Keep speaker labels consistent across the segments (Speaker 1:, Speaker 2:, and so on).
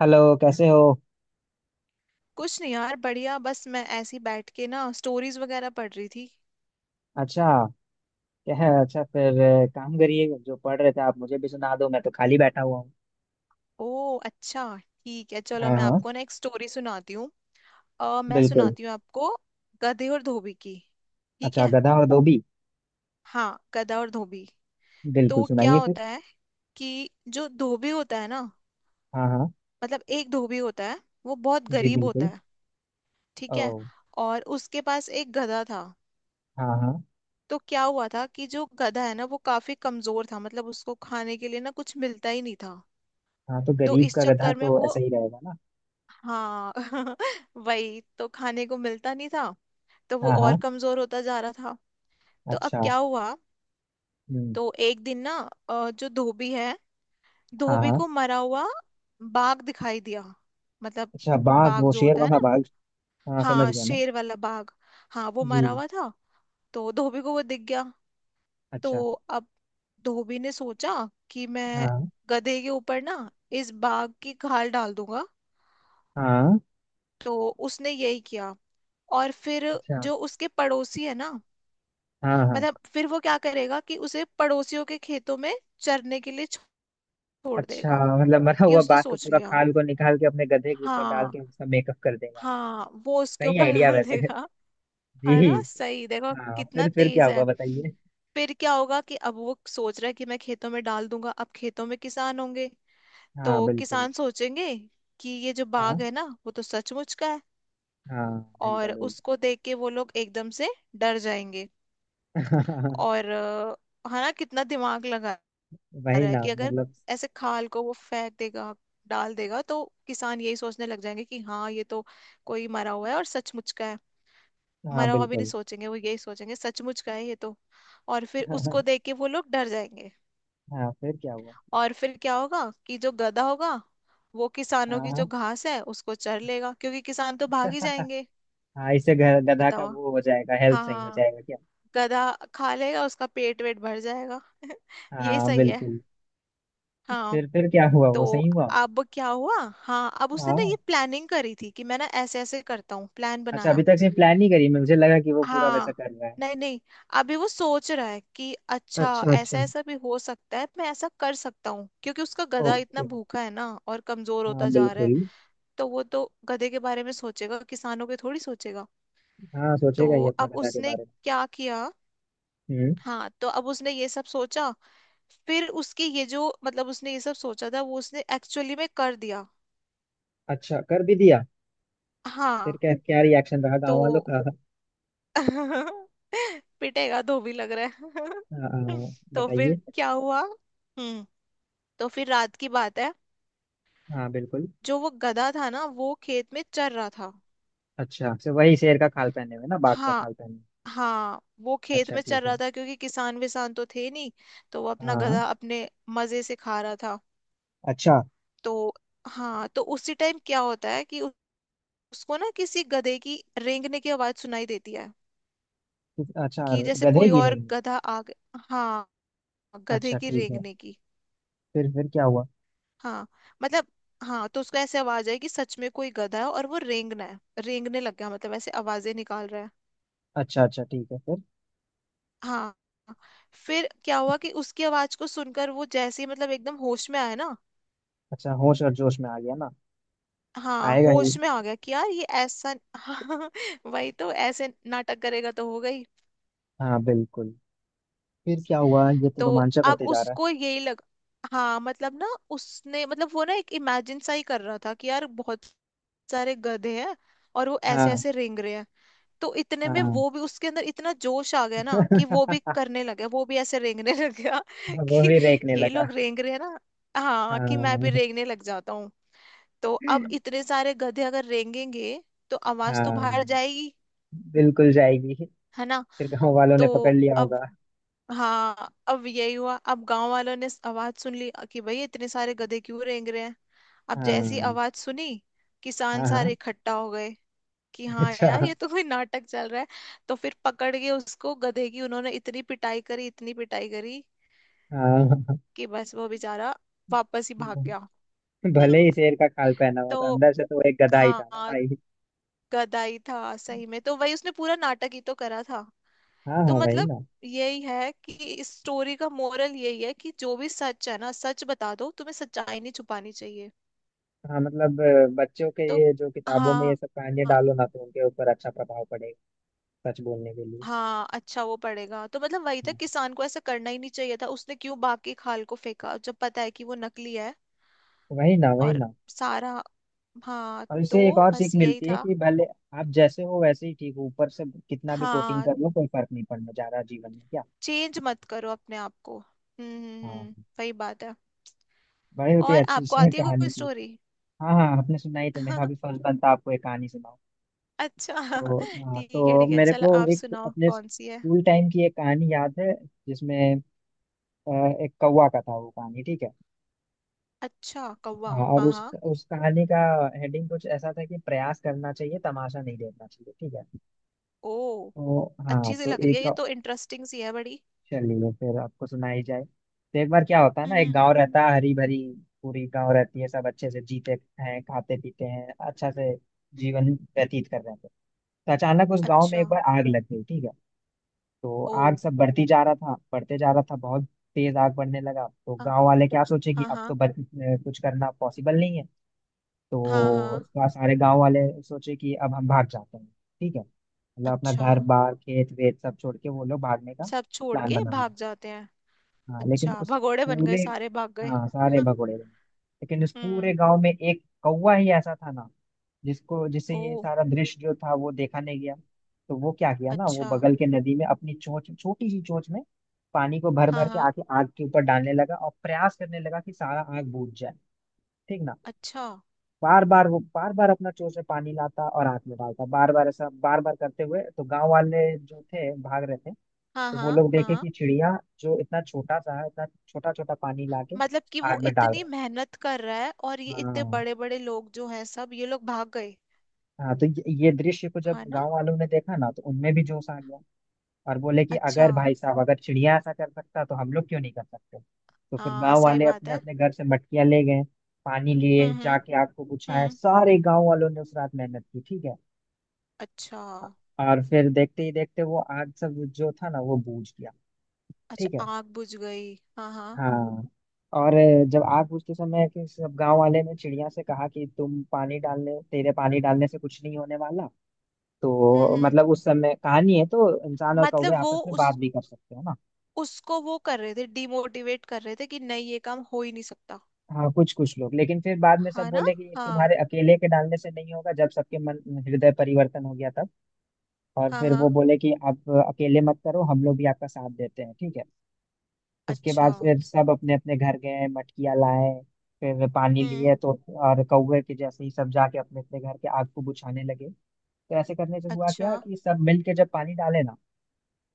Speaker 1: Hello, कैसे हो?
Speaker 2: कुछ नहीं यार, बढ़िया। बस मैं ऐसी बैठ के ना स्टोरीज वगैरह पढ़ रही थी।
Speaker 1: अच्छा। क्या है? अच्छा, फिर काम करिए। जो पढ़ रहे थे आप, मुझे भी सुना दो, मैं तो खाली बैठा हुआ हूँ।
Speaker 2: ओ, अच्छा। ठीक है, चलो
Speaker 1: हाँ
Speaker 2: मैं
Speaker 1: हाँ।
Speaker 2: आपको ना एक स्टोरी सुनाती हूँ। मैं
Speaker 1: बिल्कुल।
Speaker 2: सुनाती हूँ आपको। गधे और धोबी की। ठीक
Speaker 1: अच्छा,
Speaker 2: है।
Speaker 1: गधा और धोबी।
Speaker 2: हाँ, गधा और धोबी।
Speaker 1: बिल्कुल,
Speaker 2: तो क्या
Speaker 1: सुनाइए फिर।
Speaker 2: होता है कि जो धोबी होता है ना,
Speaker 1: हाँ हाँ।
Speaker 2: मतलब एक धोबी होता है। वो बहुत
Speaker 1: जी
Speaker 2: गरीब होता
Speaker 1: बिल्कुल।
Speaker 2: है। ठीक
Speaker 1: ओ।
Speaker 2: है। और उसके पास एक गधा था।
Speaker 1: हाँ हाँ।
Speaker 2: तो क्या हुआ था कि जो गधा है ना, वो काफी कमजोर था। मतलब उसको खाने के लिए ना कुछ मिलता ही नहीं था।
Speaker 1: हाँ, तो
Speaker 2: तो
Speaker 1: गरीब
Speaker 2: इस
Speaker 1: का गधा
Speaker 2: चक्कर में
Speaker 1: तो
Speaker 2: वो,
Speaker 1: ऐसा ही रहेगा ना।
Speaker 2: हाँ वही तो खाने को मिलता नहीं था। तो वो
Speaker 1: हाँ हाँ।
Speaker 2: और कमजोर होता जा रहा था। तो अब
Speaker 1: अच्छा।
Speaker 2: क्या हुआ।
Speaker 1: हम्म।
Speaker 2: तो एक दिन ना जो धोबी है,
Speaker 1: हाँ
Speaker 2: धोबी
Speaker 1: हाँ।
Speaker 2: को मरा हुआ बाघ दिखाई दिया। मतलब
Speaker 1: अच्छा, बाघ?
Speaker 2: बाघ
Speaker 1: वो
Speaker 2: जो
Speaker 1: शेर
Speaker 2: होता है
Speaker 1: वाला
Speaker 2: ना।
Speaker 1: बाघ? हाँ, समझ
Speaker 2: हाँ,
Speaker 1: गया मैं।
Speaker 2: शेर वाला बाघ। हाँ, वो
Speaker 1: जी।
Speaker 2: मरा हुआ था। तो धोबी को वो दिख गया।
Speaker 1: अच्छा।
Speaker 2: तो अब धोबी ने सोचा कि मैं
Speaker 1: हाँ
Speaker 2: गधे के ऊपर ना इस बाघ की खाल डाल दूंगा।
Speaker 1: हाँ।
Speaker 2: तो उसने यही किया, और फिर
Speaker 1: अच्छा।
Speaker 2: जो उसके पड़ोसी है ना,
Speaker 1: हाँ हाँ।
Speaker 2: मतलब फिर वो क्या करेगा कि उसे पड़ोसियों के खेतों में चरने के लिए छोड़
Speaker 1: अच्छा।
Speaker 2: देगा।
Speaker 1: मतलब मरा
Speaker 2: ये
Speaker 1: हुआ
Speaker 2: उसने
Speaker 1: बाघ का
Speaker 2: सोच
Speaker 1: पूरा
Speaker 2: लिया।
Speaker 1: खाल को निकाल के अपने गधे के ऊपर डाल के
Speaker 2: हाँ
Speaker 1: उसका मेकअप कर देगा।
Speaker 2: हाँ, वो उसके
Speaker 1: सही
Speaker 2: ऊपर
Speaker 1: आइडिया
Speaker 2: डाल
Speaker 1: वैसे।
Speaker 2: देगा।
Speaker 1: जी।
Speaker 2: है ना, सही देखो
Speaker 1: हाँ,
Speaker 2: कितना
Speaker 1: फिर क्या
Speaker 2: तेज है।
Speaker 1: हुआ? बताइए।
Speaker 2: फिर क्या होगा कि अब वो सोच रहा है कि मैं खेतों में डाल दूंगा, अब खेतों में किसान होंगे।
Speaker 1: हाँ
Speaker 2: तो
Speaker 1: बिल्कुल।
Speaker 2: किसान सोचेंगे कि ये जो बाघ
Speaker 1: हाँ
Speaker 2: है ना, वो तो सचमुच का है।
Speaker 1: हाँ। मिलता
Speaker 2: और
Speaker 1: डुलता।
Speaker 2: उसको देख के वो लोग एकदम से डर जाएंगे। और है ना कितना दिमाग लगा
Speaker 1: वही
Speaker 2: रहा है
Speaker 1: ना।
Speaker 2: कि अगर
Speaker 1: मतलब।
Speaker 2: ऐसे खाल को वो फेंक देगा, डाल देगा, तो किसान यही सोचने लग जाएंगे कि हाँ ये तो कोई मरा हुआ है और सचमुच का है।
Speaker 1: हाँ
Speaker 2: मरा हुआ भी नहीं
Speaker 1: बिल्कुल।
Speaker 2: सोचेंगे, वो यही सोचेंगे सचमुच का है ये तो। और फिर उसको देख के वो लोग डर जाएंगे।
Speaker 1: हाँ, फिर क्या हुआ?
Speaker 2: और फिर क्या होगा कि जो गधा होगा, वो किसानों
Speaker 1: हाँ
Speaker 2: की जो
Speaker 1: हाँ।
Speaker 2: घास है उसको चर लेगा क्योंकि किसान तो भाग ही जाएंगे।
Speaker 1: हाँ, इससे गधा का
Speaker 2: बताओ।
Speaker 1: वो हो जाएगा, हेल्थ
Speaker 2: हाँ
Speaker 1: सही हो
Speaker 2: हाँ,
Speaker 1: जाएगा क्या?
Speaker 2: गधा खा लेगा, उसका पेट वेट भर जाएगा ये
Speaker 1: हाँ
Speaker 2: सही है।
Speaker 1: बिल्कुल।
Speaker 2: हाँ,
Speaker 1: फिर क्या हुआ?
Speaker 2: तो
Speaker 1: वो सही हुआ?
Speaker 2: अब क्या हुआ। हाँ, अब उसने ना ये
Speaker 1: हाँ।
Speaker 2: प्लानिंग करी थी कि मैं ना ऐसे ऐसे करता हूँ, प्लान
Speaker 1: अच्छा, अभी
Speaker 2: बनाया।
Speaker 1: तक से प्लान नहीं करी? मुझे लगा कि वो पूरा वैसा
Speaker 2: हाँ,
Speaker 1: कर रहा है।
Speaker 2: नहीं नहीं, अभी वो सोच रहा है कि अच्छा,
Speaker 1: अच्छा अच्छा।
Speaker 2: ऐसा ऐसा भी हो सकता है, मैं ऐसा कर सकता हूँ क्योंकि उसका गधा इतना
Speaker 1: ओके।
Speaker 2: भूखा है ना और कमजोर
Speaker 1: हाँ
Speaker 2: होता जा रहा है।
Speaker 1: बिल्कुल।
Speaker 2: तो वो तो गधे के बारे में सोचेगा, किसानों के थोड़ी सोचेगा।
Speaker 1: हाँ,
Speaker 2: तो
Speaker 1: सोचेगा ये अपना
Speaker 2: अब
Speaker 1: गधा के
Speaker 2: उसने
Speaker 1: बारे
Speaker 2: क्या किया।
Speaker 1: में। हम्म।
Speaker 2: हाँ, तो अब उसने ये सब सोचा। फिर उसकी ये जो मतलब उसने ये सब सोचा था वो उसने एक्चुअली में कर दिया।
Speaker 1: अच्छा, कर भी दिया? फिर
Speaker 2: हाँ,
Speaker 1: क्या क्या रिएक्शन रहा गांव
Speaker 2: तो
Speaker 1: वालों का? आ,
Speaker 2: पिटेगा धोबी लग रहा
Speaker 1: आ,
Speaker 2: है तो फिर
Speaker 1: बताइए।
Speaker 2: क्या हुआ। हम्म। तो फिर रात की बात है।
Speaker 1: हाँ बिल्कुल।
Speaker 2: जो वो गधा था ना, वो खेत में चर रहा था।
Speaker 1: अच्छा, तो वही शेर का खाल पहने हुए ना, बाघ का
Speaker 2: हाँ
Speaker 1: खाल पहने हुए।
Speaker 2: हाँ, वो खेत
Speaker 1: अच्छा
Speaker 2: में चर
Speaker 1: ठीक है।
Speaker 2: रहा था क्योंकि किसान विसान तो थे नहीं। तो वो अपना
Speaker 1: हाँ।
Speaker 2: गधा अपने मजे से खा रहा था।
Speaker 1: अच्छा।
Speaker 2: तो हाँ, तो उसी टाइम क्या होता है कि उसको ना किसी गधे की रेंगने की आवाज सुनाई देती है।
Speaker 1: अच्छा,
Speaker 2: कि जैसे
Speaker 1: गधे
Speaker 2: कोई और
Speaker 1: गिरेंगे।
Speaker 2: गधा आ गया, हाँ। गधे
Speaker 1: अच्छा
Speaker 2: की
Speaker 1: ठीक है।
Speaker 2: रेंगने की।
Speaker 1: फिर क्या हुआ?
Speaker 2: हाँ, मतलब। हाँ, तो उसका ऐसे आवाज है कि सच में कोई गधा है और वो रेंगना है, रेंगने लग गया मतलब ऐसे आवाजें निकाल रहा है।
Speaker 1: अच्छा अच्छा ठीक है, फिर?
Speaker 2: हाँ, फिर क्या हुआ कि उसकी आवाज को सुनकर वो जैसे ही मतलब एकदम होश में आया ना।
Speaker 1: अच्छा, होश और जोश में आ गया ना।
Speaker 2: हाँ,
Speaker 1: आएगा ही।
Speaker 2: होश में आ गया कि यार ये ऐसा हाँ, वही तो ऐसे नाटक करेगा तो हो गई।
Speaker 1: हाँ बिल्कुल। फिर क्या हुआ? ये तो
Speaker 2: तो
Speaker 1: रोमांचक
Speaker 2: अब
Speaker 1: होते जा रहा
Speaker 2: उसको यही लगा, हाँ मतलब ना, उसने मतलब वो ना एक इमेजिन सा ही कर रहा था कि यार बहुत सारे गधे हैं और वो
Speaker 1: है।
Speaker 2: ऐसे
Speaker 1: हाँ
Speaker 2: ऐसे रेंग रहे हैं। तो इतने में
Speaker 1: हाँ।
Speaker 2: वो भी उसके अंदर इतना जोश आ गया ना कि वो भी करने लगा, वो भी ऐसे रेंगने लग गया
Speaker 1: वो
Speaker 2: कि
Speaker 1: भी रेंकने
Speaker 2: ये
Speaker 1: लगा।
Speaker 2: लोग रेंग रहे हैं ना, हाँ कि मैं भी
Speaker 1: हाँ,
Speaker 2: रेंगने लग जाता हूँ। तो अब इतने सारे गधे अगर रेंगेंगे तो आवाज तो
Speaker 1: हाँ
Speaker 2: बाहर जाएगी,
Speaker 1: बिल्कुल जाएगी।
Speaker 2: है ना।
Speaker 1: फिर गांव वालों
Speaker 2: तो
Speaker 1: ने पकड़ लिया
Speaker 2: अब,
Speaker 1: होगा।
Speaker 2: हाँ अब यही हुआ, अब गांव वालों ने आवाज सुन ली कि भई इतने सारे गधे क्यों रेंग रहे हैं। अब जैसी
Speaker 1: हाँ
Speaker 2: आवाज सुनी, किसान
Speaker 1: हाँ हाँ।
Speaker 2: सारे इकट्ठा हो गए कि हाँ यार,
Speaker 1: अच्छा।
Speaker 2: ये तो कोई नाटक चल रहा है। तो फिर पकड़ के उसको गधे की उन्होंने इतनी पिटाई करी, इतनी पिटाई करी
Speaker 1: हाँ,
Speaker 2: कि बस वो बेचारा वापस ही भाग गया।
Speaker 1: भले
Speaker 2: हम्म,
Speaker 1: ही शेर का खाल पहना हुआ था,
Speaker 2: तो
Speaker 1: अंदर से तो वो एक गधा ही था ना
Speaker 2: हाँ,
Speaker 1: भाई।
Speaker 2: गधा ही था सही में, तो वही उसने पूरा नाटक ही तो करा था।
Speaker 1: हाँ
Speaker 2: तो
Speaker 1: हाँ वही
Speaker 2: मतलब
Speaker 1: ना।
Speaker 2: यही है कि इस स्टोरी का मोरल यही है कि जो भी सच है ना, सच बता दो, तुम्हें सच्चाई नहीं छुपानी चाहिए।
Speaker 1: हाँ मतलब बच्चों के
Speaker 2: तो
Speaker 1: ये जो किताबों में ये
Speaker 2: हाँ,
Speaker 1: सब कहानियां डालो ना तो उनके ऊपर अच्छा प्रभाव पड़ेगा। सच बोलने के लिए।
Speaker 2: हाँ अच्छा वो पड़ेगा तो, मतलब वही था,
Speaker 1: हाँ,
Speaker 2: किसान को ऐसा करना ही नहीं चाहिए था, उसने क्यों बाकी खाल को फेंका जब पता है कि वो नकली है।
Speaker 1: वही ना, वही
Speaker 2: और
Speaker 1: ना।
Speaker 2: सारा, हाँ
Speaker 1: और
Speaker 2: तो
Speaker 1: इससे एक और
Speaker 2: बस
Speaker 1: सीख
Speaker 2: यही
Speaker 1: मिलती है
Speaker 2: था।
Speaker 1: कि भले आप जैसे हो वैसे ही ठीक हो, ऊपर से कितना भी कोटिंग
Speaker 2: हाँ,
Speaker 1: कर लो कोई फर्क नहीं पड़ना ज्यादा जीवन में, क्या?
Speaker 2: चेंज मत करो अपने आप को। हम्म, हम्म,
Speaker 1: हाँ।
Speaker 2: हम्म। वही बात है।
Speaker 1: बड़े होते।
Speaker 2: और
Speaker 1: अच्छी
Speaker 2: आपको
Speaker 1: से
Speaker 2: आती है
Speaker 1: कहानी
Speaker 2: कोई
Speaker 1: थी।
Speaker 2: स्टोरी?
Speaker 1: हाँ हाँ, आपने सुनाई तो मेरा भी फर्ज बनता आपको एक कहानी सुनाऊं।
Speaker 2: अच्छा,
Speaker 1: तो हाँ,
Speaker 2: ठीक है
Speaker 1: तो
Speaker 2: ठीक है,
Speaker 1: मेरे
Speaker 2: चलो
Speaker 1: को
Speaker 2: आप
Speaker 1: एक
Speaker 2: सुनाओ
Speaker 1: अपने
Speaker 2: कौन सी है।
Speaker 1: स्कूल टाइम की एक कहानी याद है। जिसमें अ, एक कौवा का था वो कहानी, ठीक है।
Speaker 2: अच्छा, कौवा,
Speaker 1: हाँ, और
Speaker 2: हाँ
Speaker 1: उस
Speaker 2: हाँ।
Speaker 1: उस कहानी का हेडिंग कुछ ऐसा था कि प्रयास करना चाहिए, तमाशा नहीं देखना चाहिए, ठीक है।
Speaker 2: ओ,
Speaker 1: तो हाँ,
Speaker 2: अच्छी सी
Speaker 1: तो
Speaker 2: लग रही है
Speaker 1: एक,
Speaker 2: ये तो, इंटरेस्टिंग सी है बड़ी।
Speaker 1: चलिए फिर आपको सुनाई जाए। तो एक बार क्या होता है ना, एक
Speaker 2: हम्म,
Speaker 1: गांव रहता है, हरी भरी पूरी गांव रहती है, सब अच्छे से जीते हैं, खाते पीते हैं, अच्छा से
Speaker 2: हम्म।
Speaker 1: जीवन व्यतीत कर रहे थे। तो अचानक उस गांव में
Speaker 2: अच्छा।
Speaker 1: एक बार आग लग गई, ठीक है। तो
Speaker 2: ओ।
Speaker 1: आग सब बढ़ती जा रहा था, बढ़ते जा रहा था, बहुत तेज आग बढ़ने लगा। तो
Speaker 2: हाँ
Speaker 1: गांव वाले क्या सोचे कि
Speaker 2: हाँ
Speaker 1: अब
Speaker 2: हाँ
Speaker 1: तो कुछ करना पॉसिबल नहीं है।
Speaker 2: हाँ
Speaker 1: तो
Speaker 2: हाँ।
Speaker 1: सारे गांव वाले सोचे कि अब हम भाग जाते हैं, ठीक है। मतलब अपना
Speaker 2: अच्छा,
Speaker 1: घर बार खेत वेत सब छोड़ के वो लोग भागने का
Speaker 2: सब छोड़
Speaker 1: प्लान
Speaker 2: के
Speaker 1: बना।
Speaker 2: भाग जाते हैं।
Speaker 1: हाँ, लेकिन
Speaker 2: अच्छा,
Speaker 1: उस
Speaker 2: भगोड़े बन गए,
Speaker 1: पूरे,
Speaker 2: सारे भाग गए
Speaker 1: हाँ, सारे भगोड़े बने। लेकिन उस पूरे
Speaker 2: हम्म।
Speaker 1: गांव में एक कौवा ही ऐसा था ना, जिसको जिसे
Speaker 2: ओ,
Speaker 1: ये सारा दृश्य जो था वो देखा नहीं गया। तो वो क्या किया ना, वो
Speaker 2: अच्छा।
Speaker 1: बगल के नदी में अपनी चोंच, छोटी सी चोंच में पानी को भर
Speaker 2: हाँ
Speaker 1: भर के
Speaker 2: हाँ।
Speaker 1: आके आग के ऊपर डालने लगा और प्रयास करने लगा कि सारा आग बुझ जाए, ठीक ना।
Speaker 2: अच्छा।
Speaker 1: बार बार, वो बार बार अपना चोंच में पानी लाता और आग में डालता, बार बार ऐसा बार बार करते हुए तो गांव वाले जो थे भाग रहे थे।
Speaker 2: हाँ
Speaker 1: तो वो
Speaker 2: हाँ
Speaker 1: लोग देखे
Speaker 2: हाँ,
Speaker 1: कि चिड़िया जो इतना छोटा सा है, इतना छोटा छोटा पानी लाके
Speaker 2: मतलब कि वो
Speaker 1: आग में डाल
Speaker 2: इतनी
Speaker 1: रहा
Speaker 2: मेहनत कर रहा है और ये
Speaker 1: है।
Speaker 2: इतने
Speaker 1: हाँ
Speaker 2: बड़े बड़े लोग जो हैं, सब ये लोग भाग गए।
Speaker 1: हाँ, तो ये दृश्य को जब
Speaker 2: है ना।
Speaker 1: गांव वालों ने देखा ना तो उनमें भी जोश आ गया। और बोले कि
Speaker 2: अच्छा,
Speaker 1: अगर, भाई साहब, अगर चिड़िया ऐसा कर सकता तो हम लोग क्यों नहीं कर सकते। तो फिर
Speaker 2: हाँ
Speaker 1: गांव
Speaker 2: सही
Speaker 1: वाले
Speaker 2: बात
Speaker 1: अपने
Speaker 2: है।
Speaker 1: अपने घर से मटकियां ले गए, पानी लिए,
Speaker 2: हम्म, हम्म,
Speaker 1: जाके आग को बुझाया।
Speaker 2: हम्म।
Speaker 1: सारे गांव वालों ने उस रात मेहनत की, ठीक है।
Speaker 2: अच्छा,
Speaker 1: और फिर देखते ही देखते वो आग सब जो था ना, वो बूझ गया,
Speaker 2: अच्छा,
Speaker 1: ठीक है।
Speaker 2: आग बुझ गई, हाँ हाँ।
Speaker 1: हाँ। और जब आग बुझते समय कि सब गांव वाले ने चिड़िया से कहा कि तुम पानी डालने, तेरे पानी डालने से कुछ नहीं होने वाला।
Speaker 2: हम्म,
Speaker 1: तो
Speaker 2: हम्म,
Speaker 1: मतलब उस समय कहानी है तो इंसान और कौवे
Speaker 2: मतलब वो
Speaker 1: आपस में बात
Speaker 2: उस
Speaker 1: भी कर सकते हो ना।
Speaker 2: उसको वो कर रहे थे, डिमोटिवेट कर रहे थे कि नहीं ये काम हो ही नहीं सकता।
Speaker 1: हाँ, कुछ कुछ लोग। लेकिन फिर बाद में सब
Speaker 2: हाँ ना।
Speaker 1: बोले कि
Speaker 2: हाँ
Speaker 1: तुम्हारे अकेले के डालने से नहीं होगा, जब सबके मन हृदय परिवर्तन हो गया तब। और
Speaker 2: हाँ
Speaker 1: फिर
Speaker 2: हाँ।
Speaker 1: वो बोले कि आप अकेले मत करो, हम लोग भी आपका साथ देते हैं, ठीक है। उसके
Speaker 2: अच्छा।
Speaker 1: बाद फिर सब अपने अपने घर गए, मटकियाँ लाए, फिर पानी
Speaker 2: हम्म।
Speaker 1: लिए तो। और कौवे के जैसे ही सब जाके अपने अपने घर के आग को बुझाने लगे, तो ऐसे करने से हुआ
Speaker 2: अच्छा।
Speaker 1: क्या कि सब मिल के जब पानी डाले ना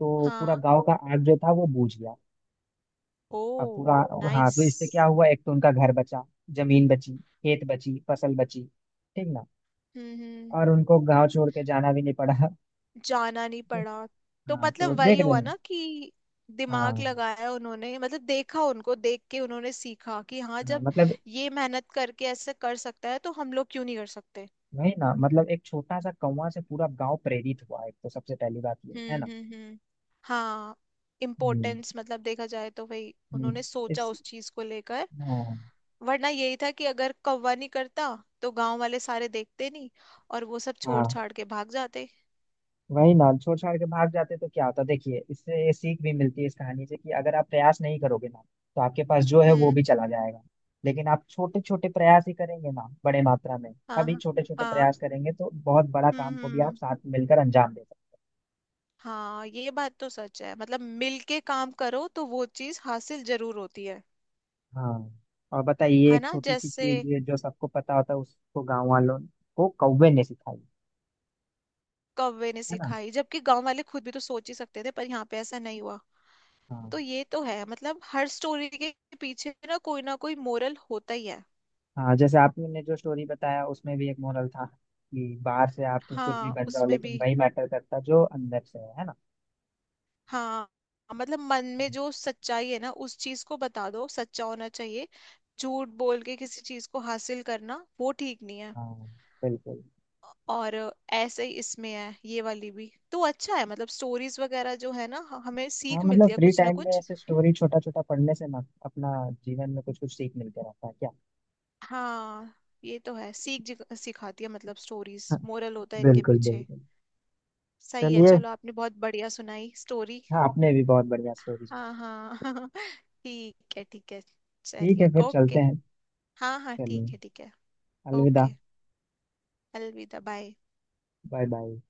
Speaker 1: तो पूरा
Speaker 2: हाँ।
Speaker 1: गांव का आग जो था वो बुझ गया। अब
Speaker 2: ओ,
Speaker 1: पूरा। हाँ,
Speaker 2: नाइस।
Speaker 1: तो इससे क्या हुआ, एक तो उनका घर बचा, जमीन बची, खेत बची, फसल बची, ठीक ना।
Speaker 2: हम्म,
Speaker 1: और उनको गांव छोड़ के जाना भी नहीं पड़ा।
Speaker 2: जाना नहीं पड़ा। तो
Speaker 1: हाँ, तो
Speaker 2: मतलब वही
Speaker 1: देख रहे
Speaker 2: हुआ
Speaker 1: हैं।
Speaker 2: ना कि दिमाग
Speaker 1: हाँ
Speaker 2: लगाया उन्होंने, मतलब देखा, उनको देख के उन्होंने सीखा कि हाँ,
Speaker 1: हाँ,
Speaker 2: जब
Speaker 1: मतलब।
Speaker 2: ये मेहनत करके ऐसे कर सकता है तो हम लोग क्यों नहीं कर सकते।
Speaker 1: वही ना, मतलब एक छोटा सा कौवा से पूरा गांव प्रेरित हुआ, एक तो सबसे पहली बात ये है
Speaker 2: हम्म,
Speaker 1: ना।
Speaker 2: हम्म, हम्म। हाँ,
Speaker 1: हम्म
Speaker 2: इम्पोर्टेंस मतलब देखा जाए तो भाई,
Speaker 1: हम्म,
Speaker 2: उन्होंने सोचा
Speaker 1: इस।
Speaker 2: उस चीज को लेकर।
Speaker 1: हाँ,
Speaker 2: वरना यही था कि अगर कौवा नहीं करता, तो गांव वाले सारे देखते नहीं और वो सब छोड़
Speaker 1: हाँ
Speaker 2: छाड़ के भाग जाते।
Speaker 1: वही ना, छोड़ छाड़ के भाग जाते तो क्या होता। देखिए, इससे ये सीख भी मिलती है इस कहानी से कि अगर आप प्रयास नहीं करोगे ना, तो आपके पास जो है वो
Speaker 2: हम्म,
Speaker 1: भी चला जाएगा। लेकिन आप छोटे छोटे प्रयास ही करेंगे ना, बड़े मात्रा में
Speaker 2: हाँ
Speaker 1: सभी
Speaker 2: हाँ
Speaker 1: छोटे छोटे
Speaker 2: हाँ,
Speaker 1: प्रयास करेंगे तो बहुत बड़ा
Speaker 2: हम्म,
Speaker 1: काम को
Speaker 2: हम्म,
Speaker 1: भी आप साथ में मिलकर अंजाम दे सकते।
Speaker 2: हाँ, ये बात तो सच है, मतलब मिल के काम करो तो वो चीज हासिल जरूर होती है।
Speaker 1: हाँ हैं। हाँ, और बताइए,
Speaker 2: है
Speaker 1: एक
Speaker 2: ना,
Speaker 1: छोटी सी
Speaker 2: जैसे
Speaker 1: चीज जो सबको पता होता है उसको गांव वालों को कौवे ने सिखाई,
Speaker 2: कौवे ने
Speaker 1: है ना।
Speaker 2: सिखाई जबकि गांव वाले खुद भी तो सोच ही सकते थे, पर यहाँ पे ऐसा नहीं हुआ।
Speaker 1: हाँ
Speaker 2: तो ये तो है, मतलब हर स्टोरी के पीछे ना कोई मोरल होता ही है।
Speaker 1: हाँ, जैसे आपने जो स्टोरी बताया उसमें भी एक मोरल था कि बाहर से आप कुछ भी
Speaker 2: हाँ,
Speaker 1: बन जाओ
Speaker 2: उसमें
Speaker 1: लेकिन
Speaker 2: भी,
Speaker 1: वही मैटर करता जो अंदर से है ना।
Speaker 2: हाँ, मतलब मन में जो सच्चाई है ना, उस चीज को बता दो, सच्चा होना चाहिए। झूठ बोल के किसी चीज को हासिल करना वो ठीक नहीं है।
Speaker 1: हाँ बिल्कुल।
Speaker 2: और ऐसे ही इसमें है, ये वाली भी तो अच्छा है, मतलब स्टोरीज वगैरह जो है ना हमें
Speaker 1: हाँ
Speaker 2: सीख
Speaker 1: मतलब
Speaker 2: मिलती है
Speaker 1: फ्री
Speaker 2: कुछ ना
Speaker 1: टाइम में
Speaker 2: कुछ।
Speaker 1: ऐसे स्टोरी छोटा छोटा पढ़ने से ना अपना जीवन में कुछ कुछ सीख मिलते रहता है, क्या?
Speaker 2: हाँ, ये तो है, सीख सिखाती है, मतलब स्टोरीज,
Speaker 1: हाँ,
Speaker 2: मोरल होता है इनके
Speaker 1: बिल्कुल
Speaker 2: पीछे।
Speaker 1: बिल्कुल।
Speaker 2: सही है,
Speaker 1: चलिए।
Speaker 2: चलो आपने बहुत बढ़िया सुनाई स्टोरी।
Speaker 1: हाँ, आपने भी बहुत बढ़िया स्टोरी सुनाई।
Speaker 2: हाँ हाँ ठीक है ठीक है।
Speaker 1: ठीक
Speaker 2: चलिए,
Speaker 1: है, फिर चलते
Speaker 2: ओके।
Speaker 1: हैं।
Speaker 2: हाँ हाँ,
Speaker 1: चलिए,
Speaker 2: ठीक है ठीक है।
Speaker 1: अलविदा।
Speaker 2: ओके, अलविदा, बाय।
Speaker 1: Bye bye.